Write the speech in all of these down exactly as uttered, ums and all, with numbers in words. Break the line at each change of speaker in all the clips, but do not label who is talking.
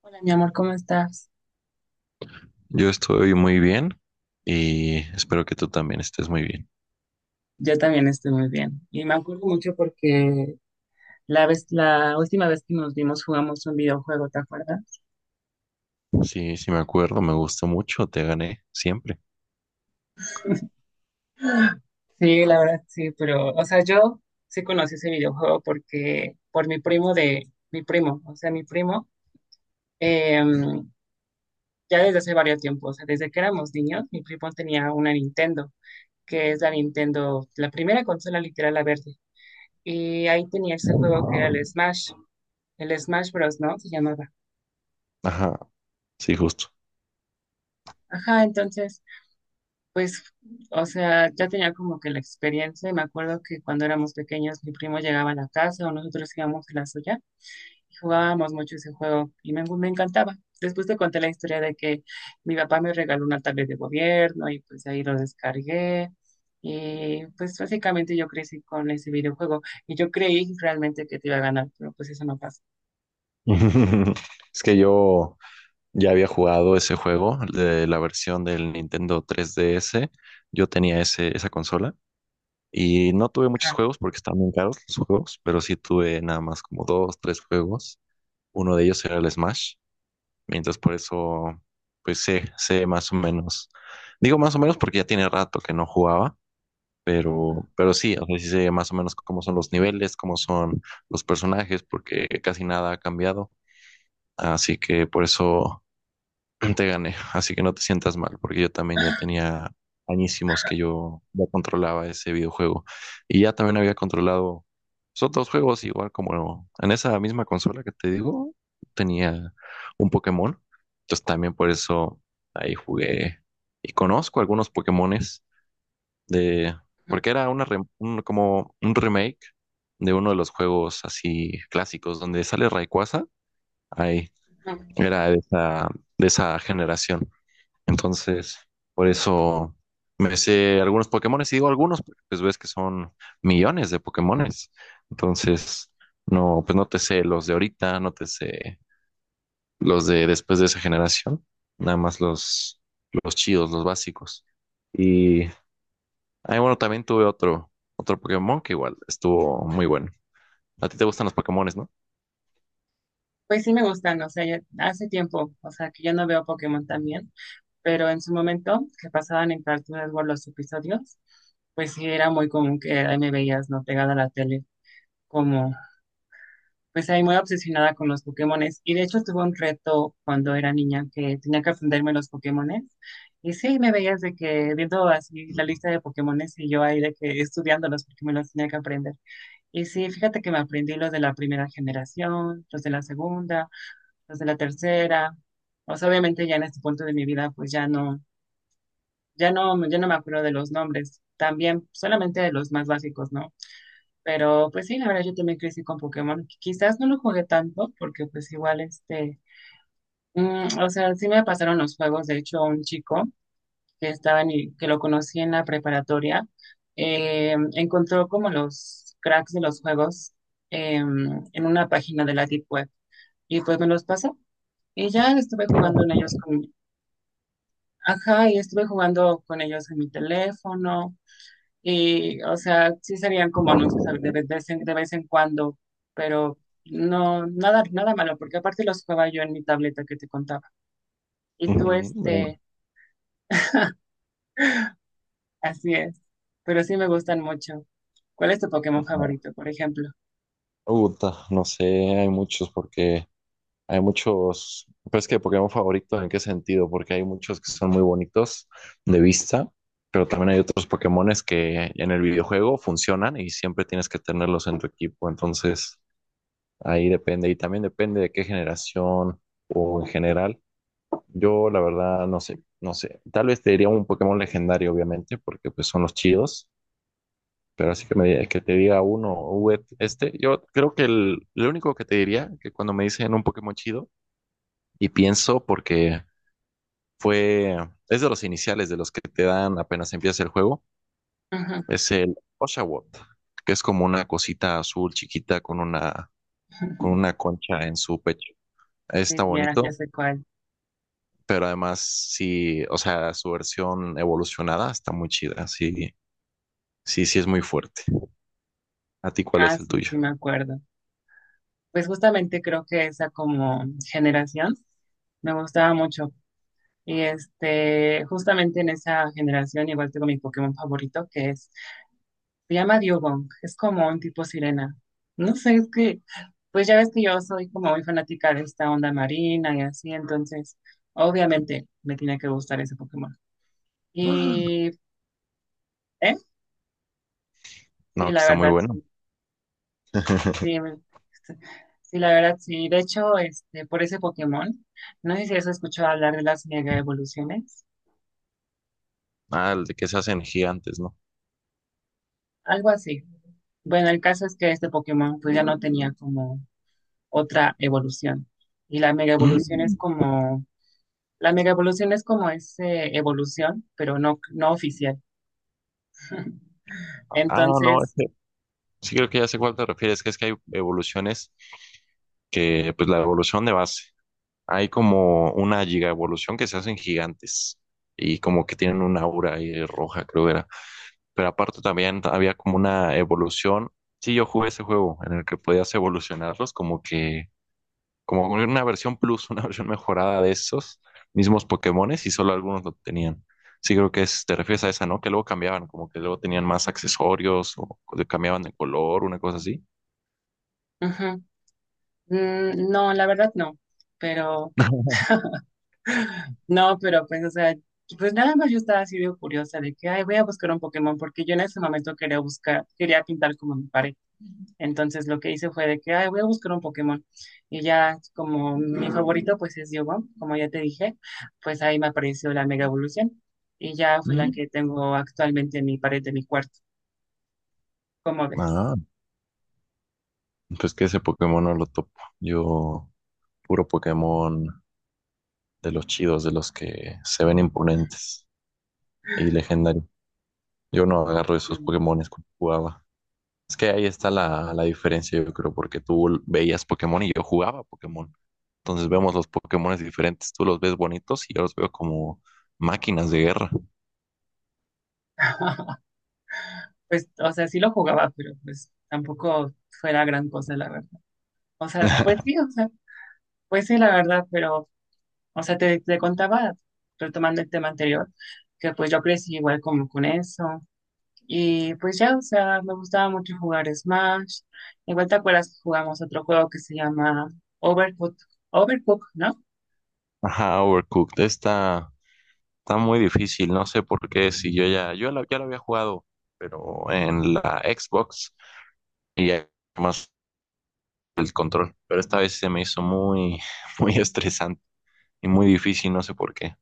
Hola, mi amor, ¿cómo estás?
Yo estoy muy bien y espero que tú también estés muy bien.
Yo también estoy muy bien. Y me acuerdo mucho porque la vez, la última vez que nos vimos jugamos un videojuego, ¿te acuerdas?
Sí, sí me acuerdo, me gustó mucho, te gané siempre.
Sí, la verdad, sí, pero, o sea, yo sí conocí ese videojuego porque, por mi primo de, mi primo, o sea, mi primo, eh, ya desde hace varios tiempos, o sea, desde que éramos niños, mi primo tenía una Nintendo, que es la Nintendo, la primera consola literal, la verde. Y ahí tenía ese juego que era el Smash. El Smash Bros, ¿no? Se llamaba.
Ajá, sí, justo.
Ajá, entonces pues, o sea, ya tenía como que la experiencia y me acuerdo que cuando éramos pequeños mi primo llegaba a la casa o nosotros íbamos a la suya y jugábamos mucho ese juego y me, me encantaba. Después te conté la historia de que mi papá me regaló una tablet de gobierno y pues ahí lo descargué y pues básicamente yo crecí con ese videojuego y yo creí realmente que te iba a ganar, pero pues eso no pasa.
Es que yo ya había jugado ese juego de la versión del Nintendo tres D S. Yo tenía ese, esa consola y no tuve muchos
Ajá.
juegos porque estaban bien caros los juegos, pero sí tuve nada más como dos, tres juegos. Uno de ellos era el Smash. Entonces por eso, pues sé, sé más o menos. Digo más o menos porque ya tiene rato que no jugaba, pero, pero sí, o sea, sí sé más o menos cómo son los niveles, cómo son los personajes, porque casi nada ha cambiado. Así que por eso te gané, así que no te sientas mal, porque yo también ya tenía añísimos que yo ya controlaba ese videojuego. Y ya también había controlado pues, otros juegos, igual como en esa misma consola que te digo, tenía un Pokémon. Entonces también por eso ahí jugué y conozco algunos Pokémones de, porque era una rem- un- como un remake de uno de los juegos así clásicos donde sale Rayquaza. Ahí
Ujú.
era de esa, de esa generación. Entonces, por eso me sé algunos Pokémones y digo algunos, porque pues ves que son millones de Pokémones. Entonces, no, pues no te sé los de ahorita, no te sé los de después de esa generación, nada más los, los chidos, los básicos. Y, ay, bueno, también tuve otro, otro Pokémon que igual estuvo muy bueno. A ti te gustan los Pokémones, ¿no?
Pues sí me gustan, o sea, ya hace tiempo, o sea, que yo no veo Pokémon también, pero en su momento, que pasaban en Cartoon Network los episodios, pues sí era muy común que ahí me veías, ¿no? Pegada a la tele, como, pues ahí muy obsesionada con los Pokémones. Y de hecho tuve un reto cuando era niña que tenía que aprenderme los Pokémones. Y sí, me veías de que viendo así la lista de Pokémones y yo ahí de que estudiándolos porque me los tenía que aprender. Y sí, fíjate que me aprendí los de la primera generación, los de la segunda, los de la tercera. O sea, obviamente ya en este punto de mi vida, pues ya no, ya no, ya no me acuerdo de los nombres, también solamente de los más básicos, ¿no? Pero pues sí, la verdad yo también crecí con Pokémon. Quizás no lo jugué tanto porque pues igual este, mm, o sea, sí me pasaron los juegos, de hecho, un chico que estaba en, que lo conocí en la preparatoria, eh, encontró como los cracks de los juegos em, en una página de la Deep Web y pues me los pasó y ya estuve jugando en ellos con, ajá, y estuve jugando con ellos en mi teléfono. Y, o sea, sí serían como anuncios a- de vez en, de vez en cuando, pero no, nada, nada malo, porque aparte los jugaba yo en mi tableta que te contaba. Y tú,
Ujú, bueno,
este, así es, pero sí me gustan mucho. ¿Cuál es tu Pokémon
no,
favorito, por ejemplo?
puta, no sé, hay muchos porque hay muchos, pues que Pokémon favoritos, ¿en qué sentido? Porque hay muchos que son muy bonitos de vista, pero también hay otros Pokémones que en el videojuego funcionan y siempre tienes que tenerlos en tu equipo. Entonces, ahí depende. Y también depende de qué generación o en general. Yo, la verdad, no sé, no sé. Tal vez te diría un Pokémon legendario, obviamente, porque pues son los chidos. Pero así que, me, diga- que te diga uno, "Uh, este, yo creo que el, lo único que te diría, que cuando me dicen un Pokémon chido, y pienso porque fue, es de los iniciales de los que te dan apenas empiezas el juego,
Ujú.
es el Oshawott, que es como una cosita azul chiquita con una, con una concha en su pecho.
Sí,
Está
ya, ya
bonito,
sé cuál.
pero además sí, o sea, su versión evolucionada está muy chida, sí, sí, sí es muy fuerte. ¿A ti cuál
Ah,
es el
sí,
tuyo?
sí me acuerdo. Pues justamente creo que esa como generación me gustaba mucho. Y este, justamente en esa generación igual tengo mi Pokémon favorito, que es... Se llama Diogong, es como un tipo sirena. No sé, es que, pues ya ves que yo soy como muy fanática de esta onda marina y así, entonces, obviamente me tiene que gustar ese Pokémon. Y, ¿eh? Sí,
No, que
la
está muy
verdad,
bueno.
sí, sí, me- sí, la verdad, sí. De hecho, este, por ese Pokémon, no sé si has escuchado hablar de las mega evoluciones,
Ah, el de que se hacen gigantes, ¿no?
algo así. Bueno, el caso es que este Pokémon, pues ya no tenía como otra evolución. Y la mega evolución es
Mm.
como la mega evolución es como ese evolución, pero no, no oficial.
Ah, no,
Entonces,
este, sí creo que ya sé cuál te refieres, que es que hay evoluciones que pues la evolución de base. Hay como una giga evolución que se hacen gigantes y como que tienen una aura ahí roja, creo era. Pero aparte también había como una evolución. Sí, yo jugué ese juego en el que podías evolucionarlos como que, como una versión plus, una versión mejorada de esos mismos Pokémones y solo algunos lo tenían. Sí, creo que es, te refieres a esa, ¿no? Que luego cambiaban, como que luego tenían más accesorios o cambiaban de color, una cosa así.
ujú, mm, no, la verdad no. Pero, no, pero pues, o sea, pues nada más yo estaba así de curiosa de que, ay, voy a buscar un Pokémon, porque yo en ese momento quería buscar, quería pintar como mi pared. Entonces lo que hice fue de que, ay, voy a buscar un Pokémon. Y ya, como mi favorito, pues es Yogon, como ya te dije, pues ahí me apareció la mega evolución. Y ya fue la
Mm.
que tengo actualmente en mi pared de mi cuarto. ¿Cómo
Ah.
ves?
Pues que ese Pokémon no lo topo. Yo, puro Pokémon de los chidos, de los que se ven imponentes y legendarios. Yo no agarro esos
Mm.
Pokémones cuando jugaba. Es que ahí está la, la diferencia, yo creo, porque tú veías Pokémon y yo jugaba Pokémon. Entonces vemos los Pokémones diferentes. Tú los ves bonitos y yo los veo como máquinas de guerra.
Pues, o sea, sí lo jugaba, pero pues tampoco fue la gran cosa, la verdad. O sea, pues sí, o sea, pues sí, la verdad, pero, o sea, te, te contaba, retomando el tema anterior, que pues yo crecí igual como con eso. Y pues ya, o sea, me gustaba mucho jugar Smash. Igual te acuerdas que jugamos otro juego que se llama Overcooked, Overcooked, ¿no?
Ajá, Overcooked. Está, está muy difícil. No sé por qué. Si yo ya, yo la- ya lo había jugado, pero en la Xbox y ya más control, pero esta vez se me hizo muy, muy estresante y muy difícil, no sé por qué.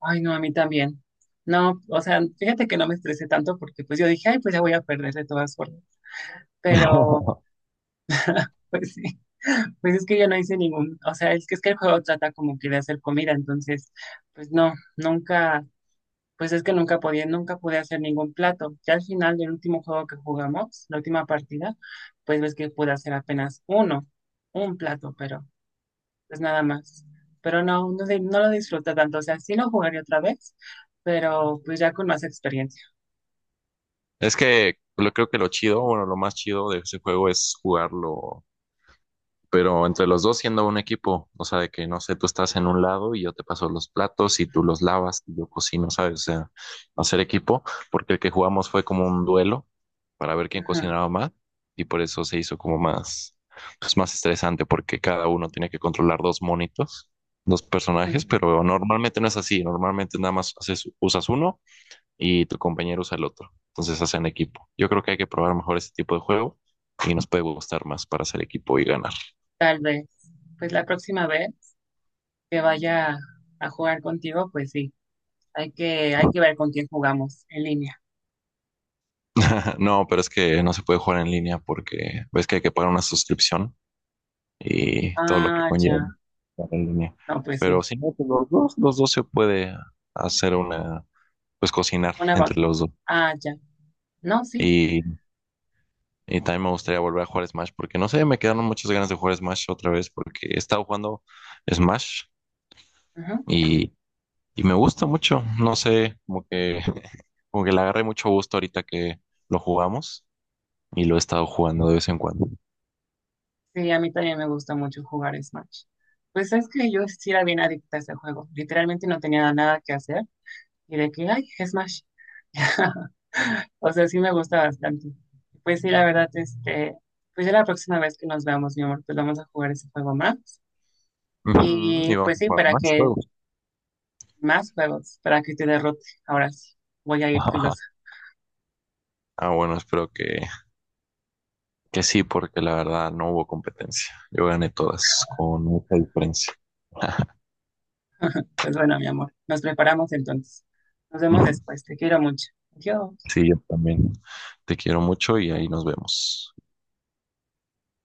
Ay, no, a mí también. No, o sea, fíjate que no me estresé tanto porque pues yo dije, ay, pues ya voy a perder de todas formas. Pero... pues sí, pues es que yo no hice ningún, o sea, es que es que el juego trata como que de hacer comida, entonces, pues no, nunca, pues es que nunca podía, nunca pude hacer ningún plato. Ya al final del último juego que jugamos, la última partida, pues ves que pude hacer apenas uno, un plato, pero pues nada más. Pero no, no, di- no lo disfruto tanto, o sea, sí lo jugaría otra vez, pero pues ya con más experiencia.
Es que lo, creo que lo chido, bueno, lo más chido de ese juego es jugarlo pero entre los dos siendo un equipo, o sea, de que no sé, tú estás en un lado y yo te paso los platos y tú los lavas y yo cocino, ¿sabes? O sea, hacer equipo, porque el que jugamos fue como un duelo para ver quién
Ujú.
cocinaba más y por eso se hizo como más, pues más estresante porque cada uno tiene que controlar dos monitos, dos personajes, pero normalmente no es así, normalmente nada más haces, usas uno y tu compañero usa el otro, entonces hacen equipo. Yo creo que hay que probar mejor ese tipo de juego y nos puede gustar más para hacer equipo y ganar.
Tal vez. Pues la próxima vez que vaya a jugar contigo, pues sí, hay que, hay que ver con quién jugamos en línea.
No, pero es que no se puede jugar en línea porque ves que hay que pagar una suscripción y todo lo que
Ah,
conlleva
ya.
jugar en línea.
No, pues
Pero
sí.
si no, pues los dos, los dos se puede hacer una, pues cocinar
Una va.
entre los dos.
Ah, ya. No, sí.
Y, y también me gustaría volver a jugar Smash porque no sé, me quedaron muchas ganas de jugar Smash otra vez porque he estado jugando Smash
Ujú.
y, y me gusta mucho. No sé, como que, como que le agarré mucho gusto ahorita que lo jugamos y lo he estado jugando de vez en cuando.
Sí, a mí también me gusta mucho jugar Smash. Pues es que yo sí era bien adicta a ese juego. Literalmente no tenía nada que hacer. Y de que, ay, Smash. O sea, sí me gusta bastante. Pues sí, la verdad, este, pues ya la próxima vez que nos veamos, mi amor, pues vamos a jugar ese juego más.
Ujú,
Y
y vamos
pues
a
sí,
jugar
para
más.
que más juegos, para que te derrote. Ahora sí, voy a ir filosa.
Ah, bueno, espero que, que sí, porque la verdad no hubo competencia. Yo gané todas con mucha diferencia.
Pues bueno, mi amor, nos preparamos entonces. Nos vemos
Ujú.
después. Te quiero mucho. Adiós.
Sí, yo también. Te quiero mucho y ahí nos vemos.